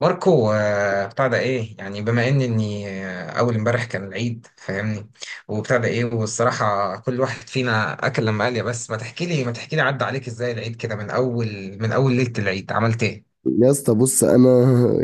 ماركو بتاع ده ايه يعني بما ان اني اول امبارح كان العيد فاهمني. وبتاع ده ايه والصراحه كل واحد فينا اكل لما قال يا بس ما تحكي لي عدى عليك ازاي العيد كده من اول ليله العيد عملت ايه؟ يا اسطى، بص، انا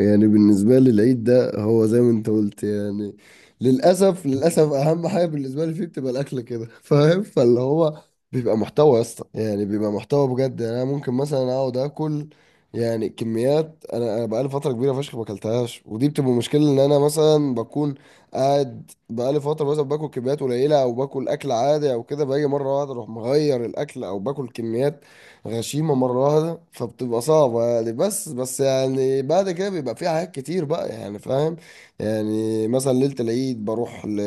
يعني بالنسبه لي العيد ده هو زي ما انت قلت، يعني للاسف اهم حاجه بالنسبه لي فيه بتبقى الاكل، كده فاهم. فاللي هو بيبقى محتوى يا اسطى، يعني بيبقى محتوى بجد. يعني انا ممكن مثلا اقعد اكل يعني كميات. انا بقالي فتره كبيره فشخ ما اكلتهاش، ودي بتبقى مشكله ان انا مثلا بكون قاعد بقالي فتره مثلا باكل كميات قليله او باكل اكل عادي، او كده باجي مره واحده اروح مغير الاكل او باكل كميات غشيمة مرة واحدة، فبتبقى صعبة يعني. بس يعني بعد كده بيبقى في حاجات كتير بقى، يعني فاهم. يعني مثلا ليلة العيد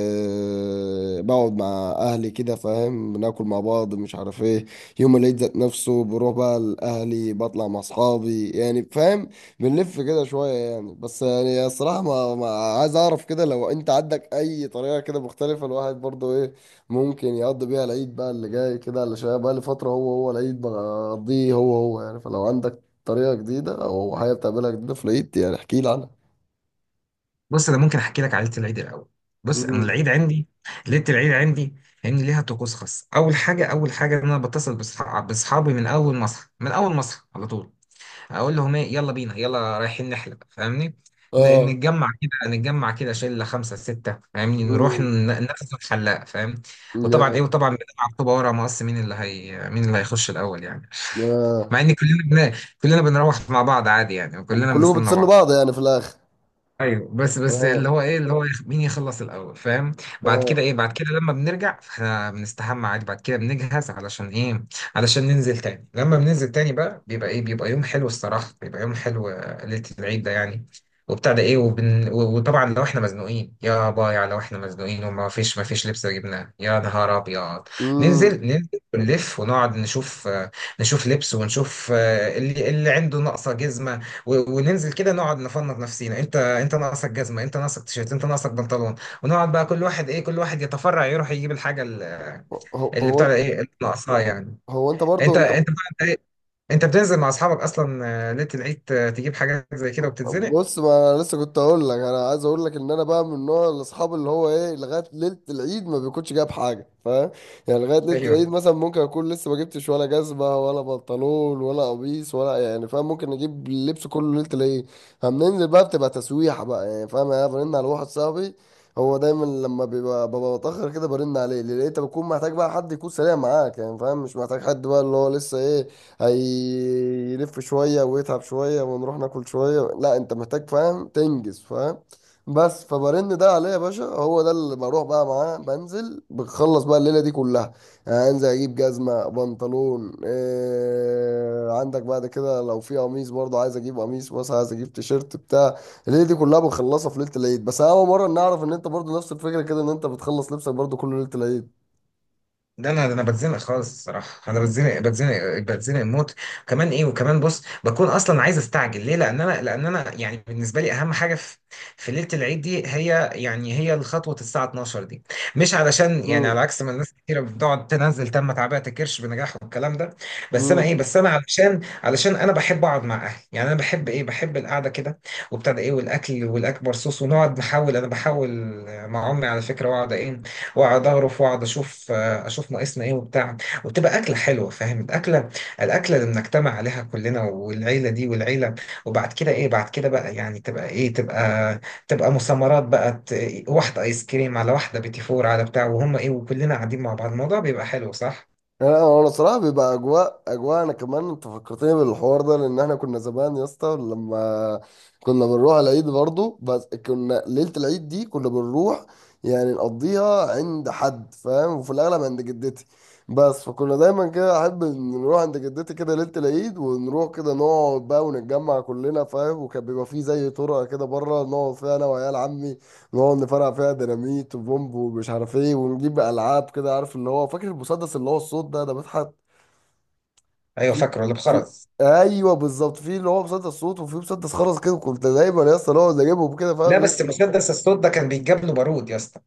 بقعد مع أهلي، كده فاهم، بناكل مع بعض، مش عارف ايه. يوم العيد ذات نفسه بروح بقى لأهلي، بطلع مع أصحابي يعني، فاهم. بنلف كده شوية يعني. بس يعني الصراحة ما عايز أعرف كده، لو أنت عندك أي طريقة كده مختلفة، الواحد برضو إيه ممكن يقضي بيها العيد بقى اللي جاي، كده على شويه بقى لفتره، هو هو العيد بقضيه هو هو، يعني. فلو عندك طريقه جديده او حاجه بتعملها جديده في العيد، يعني احكي لي عنها. بص انا ممكن احكي لك على ليله العيد الاول. بص انا امم. العيد عندي، ليله العيد عندي فاهمني ليها طقوس خاص. اول حاجه، ان انا بتصل باصحابي من اول ما اصحى على طول. اقول لهم ايه، يلا بينا، يلا رايحين نحلب فاهمني. اه. نتجمع كده، شله خمسه سته فاهمني، نروح امم. نغزو الحلاق فاهم. يا. وطبعا بنلعب طوبه ورا مقص، مين اللي مين اللي هيخش الاول يعني. مع آه. ان كلنا بن... كلنا بنروح مع بعض عادي يعني، وكلنا كلكم بنستنى بتستنوا بعض. بعض يعني في الاخر؟ ايوه بس اه. اللي هو ايه، اللي هو مين يخلص الاول فاهم. بعد كده اه. ايه، بعد كده لما بنرجع احنا بنستحمى عادي، بعد كده بنجهز علشان ايه، علشان ننزل تاني. لما بننزل تاني بقى بيبقى ايه، بيبقى يوم حلو الصراحه، بيبقى يوم حلو ليله العيد ده يعني. وبتاع ده ايه وطبعا لو احنا مزنوقين يا بايع، لو احنا مزنوقين وما فيش ما فيش لبس جبناه، يا نهار ابيض، امم. ننزل. ونلف ونقعد نشوف نشوف لبس ونشوف اللي عنده ناقصه جزمه. وننزل كده نقعد نفنط نفسينا. انت ناقصك جزمه، انت ناقصك تيشيرت، انت ناقصك بنطلون. ونقعد بقى كل واحد ايه، كل واحد يتفرع يروح يجيب الحاجه هو اللي بتاع ده هو ايه، اللي ناقصاه يعني. هو انت برضو انت انت؟ انت بقى- ايه، انت بتنزل مع اصحابك اصلا ليله العيد تجيب حاجات زي كده وبتتزنق. بص، ما انا لسه كنت اقول لك، انا عايز اقول لك ان انا بقى من نوع الاصحاب اللي هو ايه، لغايه ليله العيد ما بيكونش جايب حاجه، فاهم. يعني لغايه ليله العيد ايوه، مثلا ممكن اكون لسه ما جبتش ولا جزمه ولا بنطلون ولا قميص ولا، يعني فاهم، ممكن اجيب اللبس كله ليله العيد. فبننزل بقى، بتبقى تسويحه بقى يعني، فاهم. يعني انا برن على واحد صاحبي، هو دايما لما بيبقى ببقى متاخر كده برن عليه، لان انت بتكون محتاج بقى حد يكون سريع معاك يعني فاهم، مش محتاج حد بقى اللي هو لسه ايه، هيلف شوية ويتعب شوية ونروح ناكل شوية، لا انت محتاج فاهم تنجز، فاهم. بس فبرن ده عليا يا باشا، هو ده اللي بروح بقى معاه، بنزل بخلص بقى الليلة دي كلها. يعني انزل اجيب جزمة بنطلون، إيه عندك بعد كده، لو في قميص برضه عايز اجيب قميص، مثلا عايز اجيب تيشيرت بتاع. الليلة دي كلها بنخلصها في ليلة العيد. بس انا اول مرة نعرف ان انت برضه نفس الفكرة كده، ان انت بتخلص لبسك برضه كل ليلة العيد. ده انا بتزنق خالص الصراحه، انا بتزنق موت. كمان ايه، وكمان بص، بكون اصلا عايز استعجل. ليه؟ لان انا يعني بالنسبه لي اهم حاجه في ليله العيد دي، هي يعني هي الخطوه الساعه 12 دي. مش علشان يعني على عكس ما الناس كتيره بتقعد تنزل، تم تعبئه الكرش بنجاح والكلام ده، بس انا ايه، امم. بس انا علشان انا بحب اقعد مع اهلي يعني، انا بحب ايه، بحب القعده كده. وابتدى ايه، والاكل والاكبر صوص، ونقعد نحاول، انا بحاول مع امي على فكره، واقعد ايه، واقعد اغرف، واقعد اشوف، اشوف ناقصنا ايه وبتاع. وتبقى اكله حلوه فاهم، الاكله، الاكله اللي بنجتمع عليها كلنا، والعيله دي وبعد كده ايه، بعد كده بقى يعني تبقى ايه، تبقى مسامرات بقى، واحده ايس كريم على واحده بيتي فور على بتاع، وهم ايه، وكلنا قاعدين مع بعض الموضوع بيبقى حلو صح. انا صراحه بيبقى اجواء، اجواء. انا كمان انت فكرتني بالحوار ده، لان احنا كنا زمان يا اسطى، لما كنا بنروح العيد برضو، بس كنا ليله العيد دي كنا بنروح يعني نقضيها عند حد فاهم، وفي الاغلب عند جدتي. بس فكنا دايما كده احب إن نروح عند جدتي كده ليله العيد، ونروح كده نقعد بقى ونتجمع كلنا، فاهم. وكان بيبقى فيه زي طرقه كده بره، نقعد فيها انا وعيال عمي، نقعد نفرقع فيها ديناميت وبومب ومش عارف ايه، ونجيب العاب كده، عارف اللي هو، فاكر المسدس اللي هو الصوت ده بيتحط ايوه في فاكره اللي في بخرز. ايوه بالظبط، في اللي هو مسدس صوت، وفي مسدس خرز كده، كنت دايما يا اسطى نقعد نجيبهم كده، لا فاهم. بس مسدس الصوت ده كان بيتجاب له بارود يا اسطى.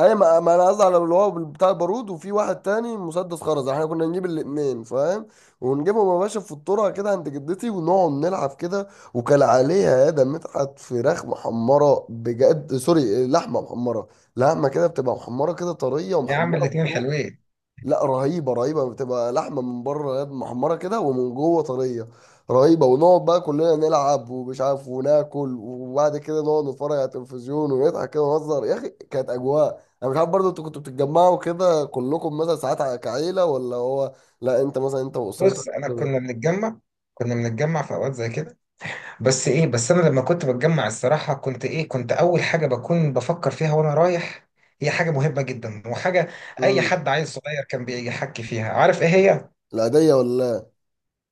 اي، ما انا قصدي على اللي هو بتاع البارود، وفي واحد تاني مسدس خرز، احنا كنا نجيب الاتنين فاهم. ونجيبهم يا باشا في الطرقه كده عند جدتي، ونقعد نلعب كده. وكان عليها، يا ده، مدحت فراخ محمره بجد، سوري، لحمه محمره، لحمه كده بتبقى محمره كده طريه يا عم ومحمره. الاتنين حلوين. لا، رهيبه رهيبه. بتبقى لحمه من بره يا ابني محمره كده، ومن جوه طريه، رهيبه. ونقعد بقى كلنا نلعب ومش عارف، وناكل، وبعد كده نقعد نتفرج على التلفزيون ونضحك كده ونهزر يا اخي، كانت اجواء. انا مش عارف برضه، انتوا كنتوا بتتجمعوا كده كلكم مثلا ساعات كعيله، ولا هو؟ لا انت مثلا، انت واسرتك بص انا كده؟ كنا بنتجمع، كنا بنتجمع في اوقات زي كده، بس ايه، بس انا لما كنت بتجمع الصراحه كنت ايه، كنت اول حاجه بكون بفكر فيها وانا رايح، هي حاجه مهمه جدا وحاجه اي امم. حد عيل صغير كان بيحكي فيها. عارف ايه هي؟ العاديه، ولا؟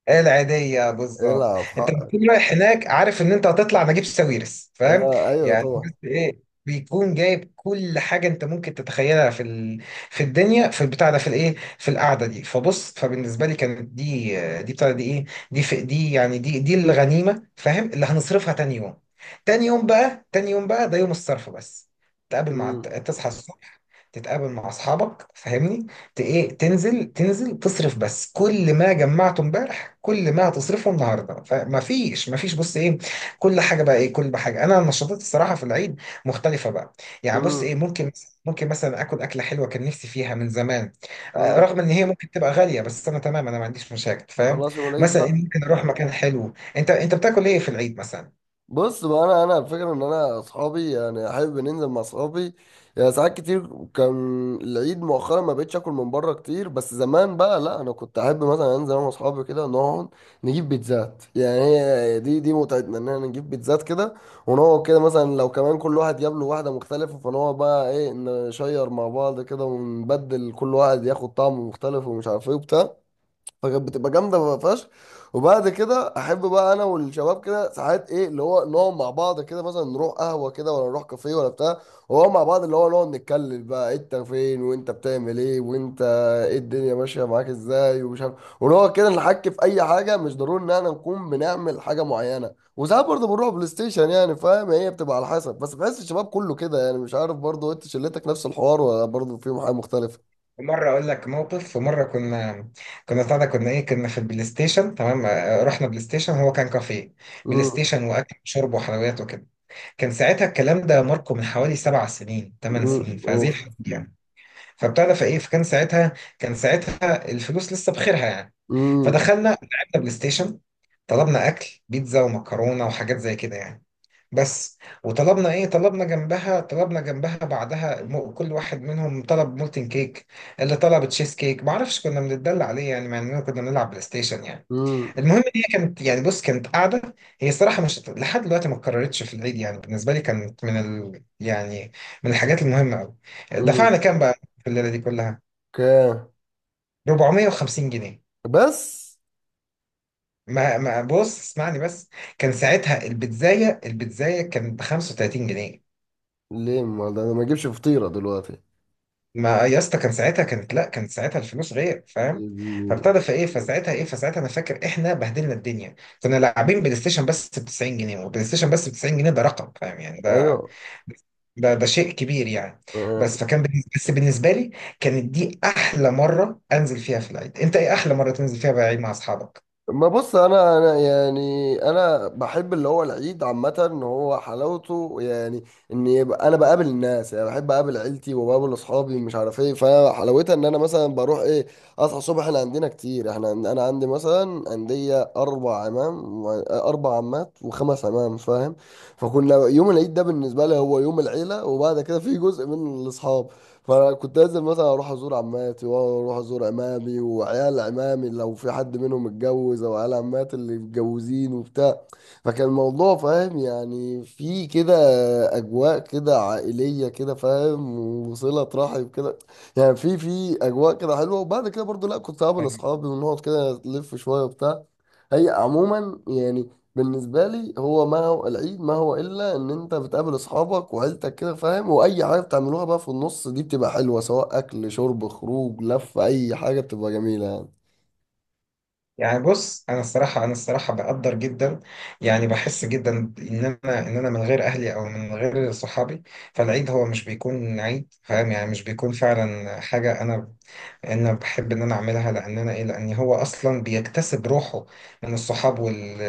إيه العادية لا، بالظبط، العب انت حقك. بتكون رايح هناك عارف ان انت هتطلع نجيب ساويرس فاهم اه، ايوه يعني. بس طبعا. ايه، بيكون جايب كل حاجة انت ممكن تتخيلها في الدنيا، في البتاع ده، في الايه، في القعدة دي. فبص، فبالنسبة لي كانت دي يعني، دي الغنيمة فاهم، اللي هنصرفها تاني يوم. تاني يوم بقى، تاني يوم بقى ده يوم الصرف بس. تقابل مع امم. تصحى الصبح، تتقابل مع اصحابك فاهمني، ت- ايه تنزل، تصرف بس كل ما جمعته امبارح، كل ما هتصرفه النهارده. فما فيش ما فيش بص ايه، كل حاجه بقى ايه، كل حاجه. انا النشاطات الصراحه في العيد مختلفه بقى. يعني بص ايه، امم. ممكن، مثلا اكل اكله حلوه كان نفسي فيها من زمان امم. رغم ان هي ممكن تبقى غاليه، بس انا تمام، انا ما عنديش مشاكل فاهم. خلاص يا وليد مثلا إيه، بقى. ممكن اروح مكان حلو. انت بتاكل ايه في العيد مثلا؟ بص بقى، انا الفكره ان انا اصحابي، يعني احب ننزل مع اصحابي. يعني ساعات كتير كان العيد مؤخرا ما بقتش اكل من بره كتير، بس زمان بقى لا، انا كنت احب مثلا انزل انا واصحابي كده، نقعد نجيب بيتزات. يعني هي دي متعتنا ان احنا نجيب بيتزات كده، ونقعد كده، مثلا لو كمان كل واحد جاب له واحده مختلفه، فنقعد بقى ايه نشير مع بعض كده، ونبدل كل واحد ياخد طعم مختلف ومش عارف ايه وبتاع. فكانت بتبقى جامده فشخ. وبعد كده احب بقى انا والشباب كده ساعات ايه، اللي هو نقعد مع بعض كده، مثلا نروح قهوه كده، ولا نروح كافيه ولا بتاع، وهو مع بعض اللي هو نقعد نتكلم بقى، انت فين وانت بتعمل ايه وانت ايه، الدنيا ماشيه معاك ازاي، ومش عارف. ونقعد كده نحكي في اي حاجه، مش ضروري ان احنا نكون بنعمل حاجه معينه. وساعات برضه بنروح بلاي ستيشن يعني فاهم، هي بتبقى على حسب. بس بحس الشباب كله كده يعني، مش عارف برضه، انت شلتك نفس الحوار ولا برضه فيهم حاجه مختلفه؟ مرة أقول لك موقف، ومرة كنا، كنا طالع كنا إيه كنا في البلاي ستيشن تمام رحنا بلاي ستيشن، هو كان كافيه بلاي امم. ستيشن، وأكل وشرب وحلويات وكده. كان ساعتها الكلام ده ماركو من حوالي 7 سنين ثمان امم. سنين في هذه اوف. الحدود يعني. فبتاع ده، فايه، فكان ساعتها، كان ساعتها الفلوس لسه بخيرها يعني. امم. فدخلنا لعبنا بلاي ستيشن، طلبنا اكل بيتزا ومكرونه وحاجات زي كده يعني. بس وطلبنا ايه، طلبنا جنبها بعدها كل واحد منهم طلب مولتن كيك، اللي طلب تشيز كيك ما اعرفش، كنا بنتدلع عليه يعني، مع اننا كنا بنلعب بلاي ستيشن يعني. إمم. المهم إن هي كانت يعني بص، كانت قاعده، هي الصراحه مش لحد دلوقتي ما اتكررتش في العيد يعني، بالنسبه لي كانت يعني من الحاجات المهمه قوي. دفعنا كام بقى في الليله دي كلها؟ اوكي. 450 جنيه. بس ما ما بص اسمعني بس، كان ساعتها البيتزايه، البيتزايه كانت ب 35 جنيه. ليه؟ ما ده انا ما اجيبش فطيره دلوقتي. ما يا اسطى كان ساعتها، كانت، لا كانت ساعتها الفلوس غير فاهم. يجي- فابتدى فايه، فساعتها ايه، فساعتها انا فاكر احنا بهدلنا الدنيا. كنا لاعبين بلاي ستيشن بس ب 90 جنيه، وبلاي ستيشن بس ب 90 جنيه ده رقم فاهم يعني، ده ايوه. ده ده شيء كبير يعني. بس فكان بالنسبة بس بالنسبة لي كانت دي أحلى مرة أنزل فيها في العيد. أنت إيه أحلى مرة تنزل فيها بالعيد مع أصحابك؟ ما بص، انا يعني انا بحب اللي هو العيد عامه ان هو حلاوته، يعني ان يبقى انا بقابل الناس، يعني بحب اقابل عيلتي وبقابل اصحابي، مش عارف ايه، فحلاوتها ان انا مثلا بروح ايه، اصحى الصبح، احنا عندنا كتير، احنا انا عندي مثلا عندي اربع عمام اربع عمات وخمس عمام، فاهم. فكنا يوم العيد ده بالنسبه لي هو يوم العيله، وبعد كده في جزء من الاصحاب. فكنت لازم مثلا اروح ازور عماتي واروح ازور عمامي وعيال عمامي لو في حد منهم اتجوز، او عيال عماتي اللي متجوزين وبتاع. فكان الموضوع فاهم يعني في كده اجواء كده عائليه كده، فاهم، وصله رحم كده. يعني في اجواء كده حلوه، وبعد كده برضو لا، كنت قابل أيوة. اصحابي ونقعد كده نلف شويه وبتاع. هي عموما يعني، بالنسبه لي، هو ما هو العيد ما هو الا ان انت بتقابل اصحابك وعيلتك كده، فاهم، واي حاجه بتعملوها بقى في النص دي بتبقى حلوه، سواء اكل شرب خروج لف، اي حاجه بتبقى جميله يعني. يعني بص، أنا الصراحة بقدر جدا يعني، بحس جدا إن أنا من غير أهلي أو من غير صحابي، فالعيد هو مش بيكون عيد فاهم يعني، مش بيكون فعلا حاجة أنا انا بحب ان انا اعملها. لان انا ايه لان هو اصلا بيكتسب روحه من الصحاب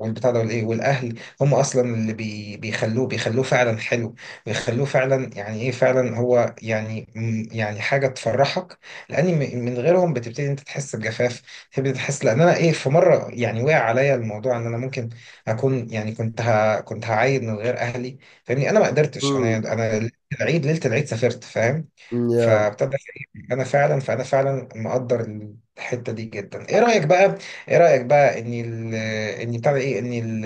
والبتاع ده والايه، والاهل هم اصلا اللي بيخلوه، فعلا حلو، بيخلوه فعلا يعني ايه، فعلا هو يعني يعني حاجه تفرحك. لان من غيرهم بتبتدي انت تحس بجفاف، تبتدي تحس. لان انا ايه، في مره يعني وقع عليا الموضوع ان انا ممكن اكون يعني، كنت هعيد من غير اهلي فاهمني، انا ما قدرتش انا امم. انا العيد ليله العيد سافرت فاهم، يا. فابتدى، انا فعلا، فانا فعلا مقدر الحته دي جدا. ايه رايك بقى؟ ان ال ان بتاع ده ايه، ان ال-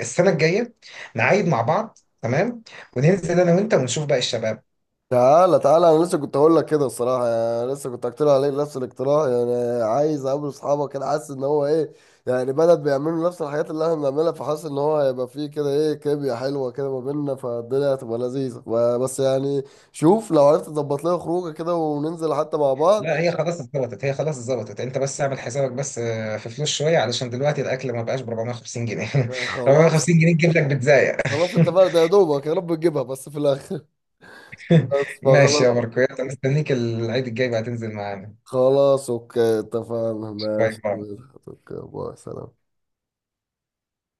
السنه الجايه نعيد مع بعض تمام، وننزل انا وانت ونشوف بقى الشباب. تعالى تعالى، انا لسه كنت هقول لك كده الصراحه، يعني لسه كنت هقترح عليك نفس الاقتراح، يعني عايز اقابل اصحابك كده، حاسس ان هو ايه، يعني بلد بيعملوا نفس الحاجات اللي احنا بنعملها، فحاسس ان هو هيبقى فيه كده ايه، كيميا حلوه كده ما بيننا، فالدنيا هتبقى لذيذه، بس يعني شوف لو عرفت تظبط لنا خروجه كده، وننزل حتى مع بعض. لا هي خلاص اتظبطت، انت بس اعمل حسابك، بس في فلوس شويه علشان دلوقتي الاكل ما بقاش ب 450 جنيه خلاص. 450 جنيه تجيب لك بيتزاية خلاص اتفقنا، ده يا دوبك يا رب تجيبها بس في الاخر. بس ماشي فخلاص. يا ماركو، يلا مستنيك العيد الجاي بقى تنزل معانا. خلاص اوكي اتفقنا، باي ماشي باي. ماشي، اوكي، باي، سلام.